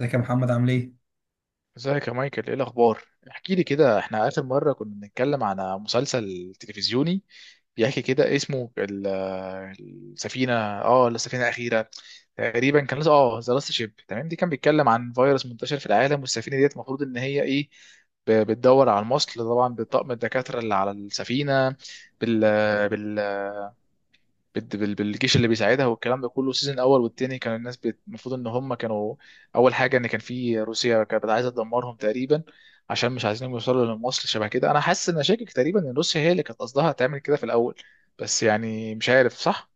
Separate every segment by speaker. Speaker 1: ازيك يا محمد عامل ايه؟
Speaker 2: ازيك يا مايكل، ايه الاخبار؟ احكي لي كده. احنا اخر مره كنا بنتكلم على مسلسل تلفزيوني بيحكي كده اسمه السفينه. اه، السفينه الاخيره. تقريبا كان لسه ذا لاست شيب. تمام. دي كان بيتكلم عن فيروس منتشر في العالم، والسفينه ديت المفروض ان هي ايه، بتدور على المصل طبعا بطاقم الدكاتره اللي على السفينه. بال... بال... بالجيش اللي بيساعدها والكلام ده كله. السيزون الاول والتاني كان الناس المفروض ان هم كانوا، اول حاجه، ان كان في روسيا كانت عايزه تدمرهم تقريبا، عشان مش عايزينهم يوصلوا لمصر. شبه كده انا حاسس ان شاكك تقريبا ان روسيا هي اللي كانت قصدها تعمل كده في الاول، بس يعني مش عارف. صح،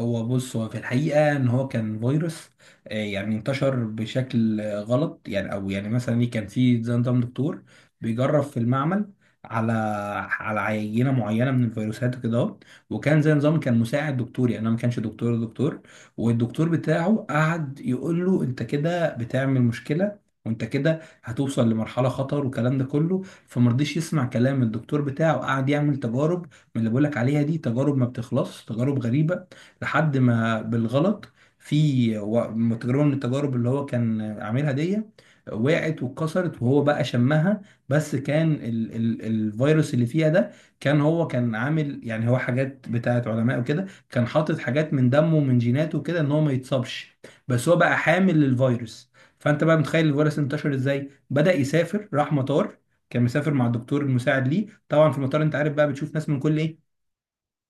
Speaker 1: هو بص، هو في الحقيقة إن هو كان فيروس يعني انتشر بشكل غلط، يعني أو يعني مثلا إيه، كان في زي نظام دكتور بيجرب في المعمل على على عينة معينة من الفيروسات وكده أهو. وكان زي نظام، كان مساعد دكتور، يعني أنا ما كانش دكتور. والدكتور بتاعه قعد يقول له أنت كده بتعمل مشكلة، وأنت كده هتوصل لمرحلة خطر والكلام ده كله، فمرضيش يسمع كلام الدكتور بتاعه، قعد يعمل تجارب من اللي بقولك عليها دي، تجارب ما بتخلص، تجارب غريبة. لحد ما بالغلط في تجربة من التجارب اللي هو كان عاملها دي وقعت واتكسرت وهو بقى شمها. بس كان ال الفيروس اللي فيها ده، كان هو كان عامل، يعني هو حاجات بتاعت علماء وكده، كان حاطط حاجات من دمه ومن جيناته كده ان هو ما يتصابش، بس هو بقى حامل للفيروس. فانت بقى متخيل الفيروس انتشر ازاي، بدأ يسافر، راح مطار، كان مسافر مع الدكتور المساعد ليه طبعا، في المطار انت عارف بقى بتشوف ناس من كل ايه،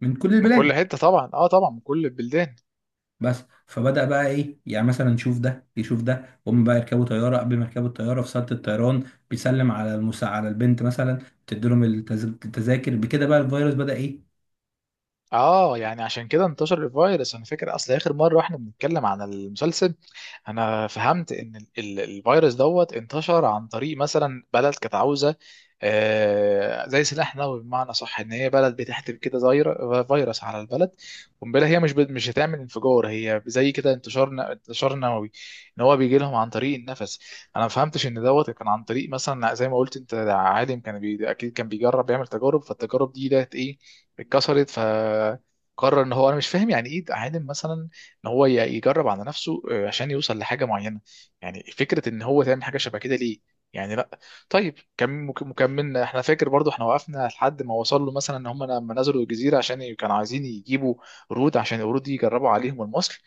Speaker 1: من كل
Speaker 2: من كل
Speaker 1: البلاد.
Speaker 2: حته طبعا، اه طبعا، من كل البلدان.
Speaker 1: بس فبدأ بقى ايه، يعني مثلا يشوف ده يشوف ده، هم بقى يركبوا طياره، قبل ما يركبوا الطياره في صاله الطيران بيسلم على المسا، على البنت مثلا تدي لهم التذاكر، بكده بقى الفيروس بدأ ايه.
Speaker 2: اه، يعني عشان كده انتشر الفيروس. انا فاكر اصل اخر مره واحنا بنتكلم عن المسلسل انا فهمت ان الفيروس دوت انتشر عن طريق مثلا بلد كانت عاوزه، آه، زي سلاح نووي، بمعنى صح ان هي بلد بتحتف كده فيروس على البلد. قنبله، هي مش هتعمل انفجار، هي زي كده انتشار انتشار نووي. ان هو بيجي لهم عن طريق النفس. انا ما فهمتش ان دوت كان عن طريق مثلا، زي ما قلت انت، ده عالم كان اكيد كان بيجرب يعمل تجارب، فالتجارب دي ديت ايه، اتكسرت، فقرر ان هو، انا مش فاهم يعني ايه عالم مثلا ان هو يجرب على نفسه، عشان يوصل لحاجه معينه. يعني فكره ان هو تعمل حاجه شبه كده ليه؟ يعني لا. طيب، مكملنا احنا، فاكر برضو احنا وقفنا لحد ما وصل له مثلا ان هم لما نزلوا الجزيره عشان كانوا عايزين يجيبوا قرود، عشان القرود دي يجربوا عليهم المصل.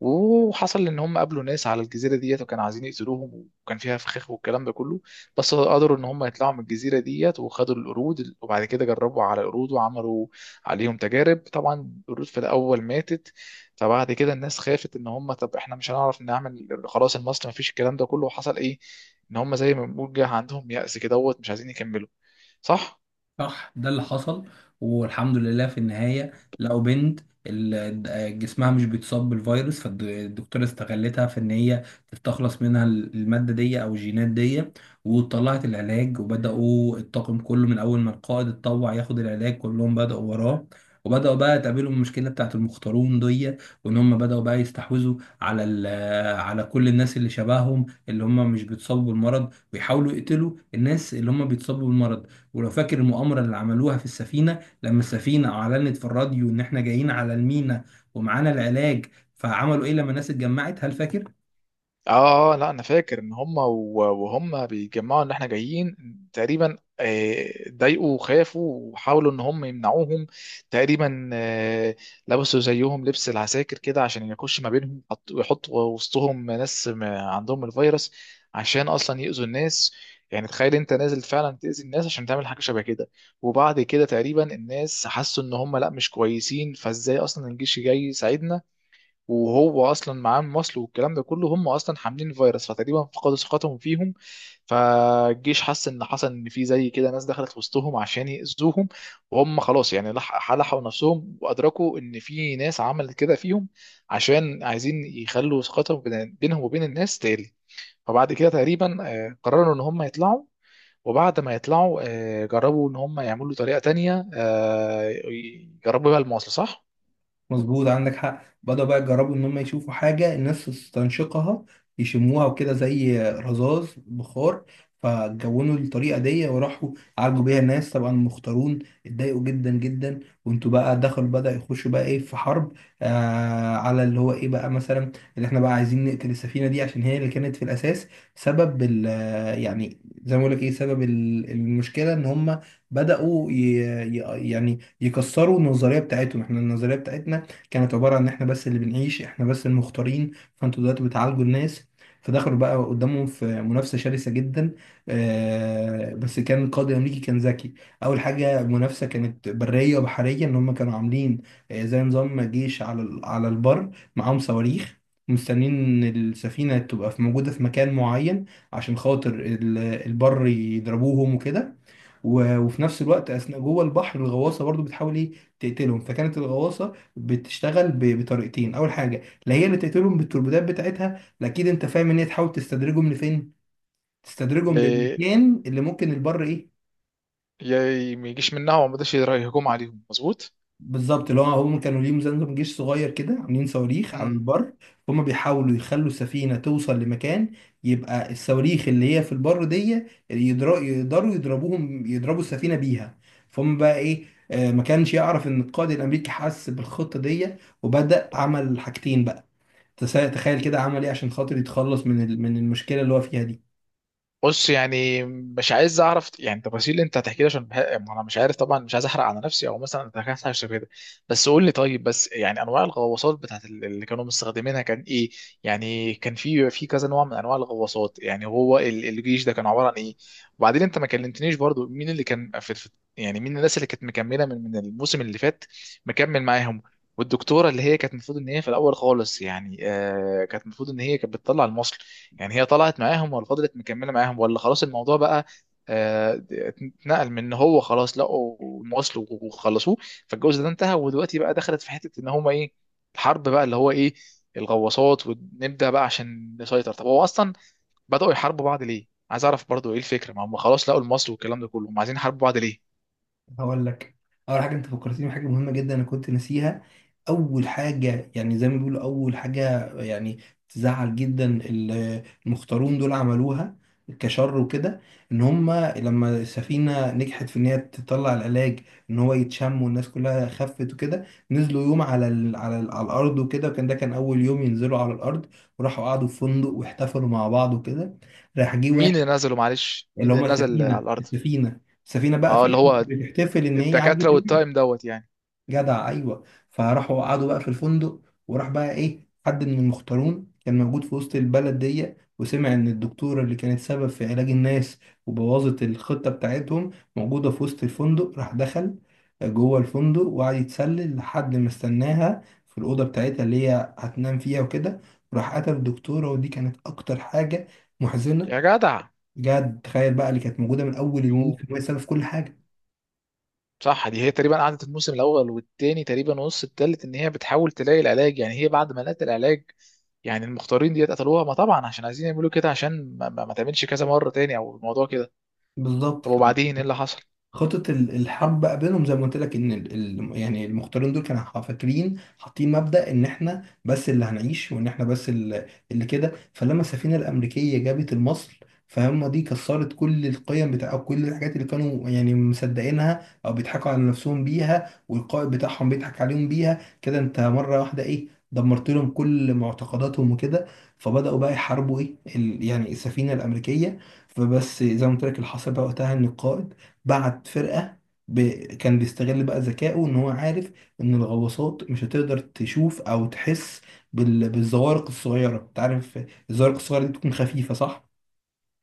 Speaker 2: وحصل ان هم قابلوا ناس على الجزيره ديت وكانوا عايزين يقتلوهم، وكان فيها فخاخ والكلام ده كله. بس قدروا ان هم يطلعوا من الجزيره ديت وخدوا القرود، وبعد كده جربوا على القرود وعملوا عليهم تجارب. طبعا القرود في الاول ماتت. فبعد كده الناس خافت ان هم طب احنا مش هنعرف نعمل خلاص المصل، ما فيش، الكلام ده كله. وحصل ايه؟ ان هم زي ما بنقول جه عندهم يأس كده دوت، مش عايزين يكملوا. صح؟
Speaker 1: صح، ده اللي حصل. والحمد لله في النهاية لقوا بنت جسمها مش بيتصاب بالفيروس، فالدكتورة استغلتها في ان هي تستخلص منها المادة دي او الجينات دي، وطلعت العلاج، وبدأوا الطاقم كله من اول ما القائد اتطوع ياخد العلاج كلهم بدأوا وراه. وبدأوا بقى تقابلهم المشكلة بتاعت المختارون دي، وان هم بدأوا بقى يستحوذوا على على كل الناس اللي شبههم، اللي هم مش بيتصابوا بالمرض، ويحاولوا يقتلوا الناس اللي هم بيتصابوا بالمرض. ولو فاكر المؤامرة اللي عملوها في السفينة لما السفينة أعلنت في الراديو إن إحنا جايين على المينا ومعانا العلاج، فعملوا إيه لما الناس اتجمعت، هل فاكر؟
Speaker 2: اه، اه، لا، انا فاكر ان هم وهم بيجمعوا ان احنا جايين تقريبا، اتضايقوا وخافوا وحاولوا ان هم يمنعوهم تقريبا. لبسوا زيهم لبس العساكر كده عشان يخش ما بينهم، ويحطوا وسطهم ناس ما عندهم الفيروس عشان اصلا يأذوا الناس. يعني تخيل انت نازل فعلا تأذي الناس عشان تعمل حاجة شبه كده. وبعد كده تقريبا الناس حسوا ان هم لا مش كويسين. فازاي اصلا الجيش جاي يساعدنا وهو اصلا معاه المصل والكلام ده كله، هم اصلا حاملين الفيروس، فتقريبا فقدوا ثقتهم فيهم. فالجيش حس ان حصل ان في زي كده ناس دخلت وسطهم عشان يأذوهم، وهم خلاص يعني لحقوا نفسهم وادركوا ان في ناس عملت كده فيهم عشان عايزين يخلوا ثقتهم بينهم وبين الناس تقل. فبعد كده تقريبا قرروا ان هم يطلعوا، وبعد ما يطلعوا جربوا ان هم يعملوا طريقة تانية، يجربوا بيها المواصل، صح؟
Speaker 1: مظبوط، عندك حق. بدأوا بقى يجربوا إن هم يشوفوا حاجة الناس تستنشقها، يشموها وكده، زي رذاذ بخار. فجونوا الطريقة دي وراحوا عالجوا بيها الناس. طبعا المختارون اتضايقوا جدا جدا، وانتوا بقى دخلوا، بدأ يخشوا بقى ايه، في حرب على اللي هو ايه بقى، مثلا اللي احنا بقى عايزين نقتل السفينة دي عشان هي اللي كانت في الأساس سبب ال يعني، زي ما بقول لك ايه، سبب ال المشكلة ان هم بدأوا يعني يكسروا النظرية بتاعتهم. احنا النظرية بتاعتنا كانت عبارة عن إحنا بس اللي بنعيش، إحنا بس المختارين، فأنتوا دلوقتي بتعالجوا الناس. فدخلوا بقى قدامهم في منافسة شرسة جدا. بس كان القائد الأمريكي كان ذكي. أول حاجة المنافسة كانت برية وبحرية، إن هم كانوا عاملين زي نظام جيش على على البر، معاهم صواريخ، مستنيين إن السفينة تبقى موجودة في مكان معين عشان خاطر البر يضربوهم وكده. وفي نفس الوقت اثناء جوه البحر الغواصه برضو بتحاول ايه، تقتلهم. فكانت الغواصه بتشتغل بطريقتين، اول حاجه لا، هي اللي تقتلهم بالتوربيدات بتاعتها لا، اكيد انت فاهم ان هي تحاول تستدرجهم لفين، تستدرجهم للمكان اللي ممكن البر ايه.
Speaker 2: ما يجيش منها وما يقدرش يهجم عليهم. مظبوط.
Speaker 1: بالظبط، اللي هو هم كانوا ليهم زمزم جيش صغير كده، عاملين صواريخ على
Speaker 2: امم
Speaker 1: البر. هم بيحاولوا يخلوا السفينة توصل لمكان، يبقى الصواريخ اللي هي في البر دي يقدروا يضربوهم، يضربوا السفينة بيها. فهم بقى ايه، آه، ما كانش يعرف ان القائد الامريكي حس بالخطة دي وبدأ عمل حاجتين بقى. تخيل كده عمل ايه عشان خاطر يتخلص من من المشكلة اللي هو فيها دي.
Speaker 2: بص، يعني مش عايز اعرف يعني التفاصيل اللي انت هتحكي لي عشان ما انا مش عارف طبعا، مش عايز احرق على نفسي او مثلا انت حاجه شبه كده. بس قول لي، طيب، بس يعني انواع الغواصات بتاعت اللي كانوا مستخدمينها كان ايه؟ يعني كان في كذا نوع من انواع الغواصات. يعني هو الجيش ده كان عباره عن ايه؟ وبعدين انت ما كلمتنيش برضو مين اللي كان يعني مين الناس اللي كانت مكمله من الموسم اللي فات، مكمل معاهم؟ والدكتوره اللي هي كانت المفروض ان هي في الاول خالص يعني، كانت المفروض ان هي كانت بتطلع المصل، يعني هي طلعت معاهم ولا فضلت مكمله معاهم ولا خلاص الموضوع بقى اتنقل من ان هو خلاص لقوا مواصله وخلصوه، فالجزء ده انتهى ودلوقتي بقى دخلت في حته ان هما ايه، الحرب بقى اللي هو ايه، الغواصات، ونبدا بقى عشان نسيطر؟ طب هو اصلا بداوا يحاربوا بعض ليه؟ عايز اعرف برضو ايه الفكره، ما هم خلاص لقوا المصل والكلام ده كله، هم عايزين يحاربوا بعض ليه؟
Speaker 1: هقول لك. اول حاجه انت فكرتني بحاجه مهمه جدا انا كنت ناسيها. اول حاجه يعني زي ما بيقولوا، اول حاجه يعني، تزعل جدا المختارون دول عملوها كشر وكده، ان هم لما السفينه نجحت في ان هي تطلع العلاج، ان هو يتشم والناس كلها خفت وكده، نزلوا يوم على ال على الارض وكده، وكان ده كان اول يوم ينزلوا على الارض. وراحوا قعدوا في فندق واحتفلوا مع بعض وكده. راح جه
Speaker 2: مين
Speaker 1: واحد،
Speaker 2: اللي نزله معلش؟
Speaker 1: اللي
Speaker 2: مين
Speaker 1: هم
Speaker 2: اللي نزل على
Speaker 1: السفينه
Speaker 2: الارض؟
Speaker 1: السفينه السفينه بقى
Speaker 2: اه، اللي
Speaker 1: فرحت
Speaker 2: هو
Speaker 1: بتحتفل ان هي
Speaker 2: الدكاتره
Speaker 1: عالجت الناس.
Speaker 2: والتايم دوت يعني.
Speaker 1: جدع، ايوه. فراحوا قعدوا بقى في الفندق، وراح بقى ايه حد من المختارون كان موجود في وسط البلد دي وسمع ان الدكتوره اللي كانت سبب في علاج الناس وبوظت الخطه بتاعتهم موجوده في وسط الفندق، راح دخل جوه الفندق وقعد يتسلل لحد ما استناها في الاوضه بتاعتها اللي هي هتنام فيها وكده، راح قتل الدكتوره. ودي كانت اكتر حاجه محزنه،
Speaker 2: يا جدع.
Speaker 1: بجد، تخيل بقى اللي كانت موجوده من اول
Speaker 2: يو.
Speaker 1: الموسم وهي السبب في كل حاجه.
Speaker 2: صح، دي هي تقريبا قعدت الموسم الاول والتاني تقريبا ونص التالت ان هي بتحاول تلاقي العلاج، يعني هي بعد ما لقت العلاج يعني المختارين ديت قتلوها. ما طبعا عشان عايزين يعملوا كده عشان ما تعملش كذا مره تاني او الموضوع كده.
Speaker 1: بالظبط.
Speaker 2: طب وبعدين ايه اللي حصل؟
Speaker 1: خطة ال الحرب بقى بينهم، زي ما قلت لك، ان يعني المختارين دول كانوا فاكرين حاطين مبدأ ان احنا بس اللي هنعيش، وان احنا بس اللي كده. فلما السفينة الأمريكية جابت المصل، فهم دي كسرت كل القيم بتاع، أو كل الحاجات اللي كانوا يعني مصدقينها او بيضحكوا على نفسهم بيها، والقائد بتاعهم بيضحك عليهم بيها كده. انت مرة واحدة ايه، دمرت لهم كل معتقداتهم وكده. فبدأوا بقى يحاربوا ايه يعني السفينة الأمريكية. فبس، زي ما قلت لك، اللي حصل بقى وقتها ان القائد بعت فرقة ب... كان بيستغل بقى ذكائه، ان هو عارف ان الغواصات مش هتقدر تشوف او تحس بالزوارق الصغيرة. انت عارف الزوارق الصغيرة دي بتكون خفيفة، صح؟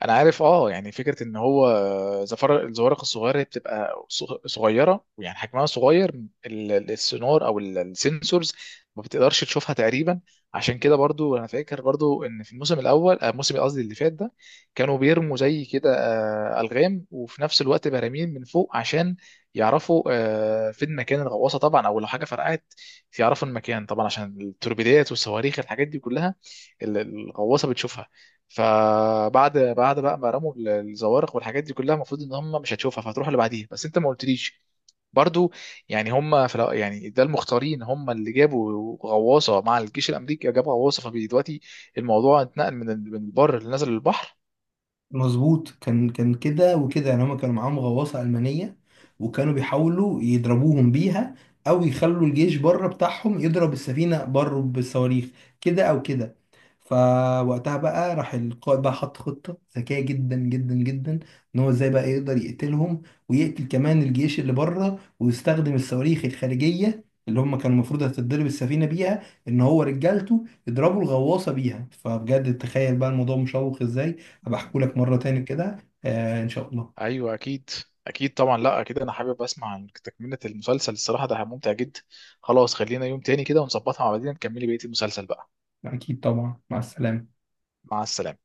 Speaker 2: انا عارف، اه، يعني فكره ان هو زفر الزوارق الصغيره هي بتبقى صغيره ويعني حجمها صغير. السونار او السنسورز ما بتقدرش تشوفها تقريبا. عشان كده برضو انا فاكر برضو ان في الموسم الاول الموسم قصدي اللي فات ده كانوا بيرموا زي كده الغام، وفي نفس الوقت براميل من فوق عشان يعرفوا فين مكان الغواصه طبعا، او لو حاجه فرقعت يعرفوا المكان طبعا عشان التوربيدات والصواريخ الحاجات دي كلها الغواصه بتشوفها. فبعد بقى ما رموا الزوارق والحاجات دي كلها المفروض ان هم مش هتشوفها فهتروح اللي بعديها. بس انت ما قلتليش برضو، يعني هم في يعني ده المختارين هم اللي جابوا غواصه مع الجيش الامريكي، جابوا غواصه، فدلوقتي الموضوع اتنقل من من البر اللي نزل للبحر.
Speaker 1: مظبوط، كان كده وكده، يعني هما كانوا معاهم غواصة ألمانية وكانوا بيحاولوا يضربوهم بيها، أو يخلوا الجيش بره بتاعهم يضرب السفينة بره بالصواريخ، كده أو كده. فوقتها بقى راح القائد بقى حط خطة ذكية جدا جدا جدا، إن هو إزاي بقى يقدر يقتلهم ويقتل كمان الجيش اللي بره، ويستخدم الصواريخ الخارجية اللي هم كانوا المفروض هتتضرب السفينة بيها، إن هو رجالته يضربوا الغواصة بيها. فبجد تخيل بقى الموضوع مشوق إزاي. هبقى احكولك مرة تاني كده، آه إن شاء الله.
Speaker 2: ايوه، اكيد. اكيد طبعا، لا اكيد انا حابب اسمع عن تكمله المسلسل. الصراحه ده ممتع جدا. خلاص، خلينا يوم تاني كده ونظبطها مع بعضنا نكملي بقيه المسلسل بقى.
Speaker 1: أكيد طبعا، مع السلامة.
Speaker 2: مع السلامه.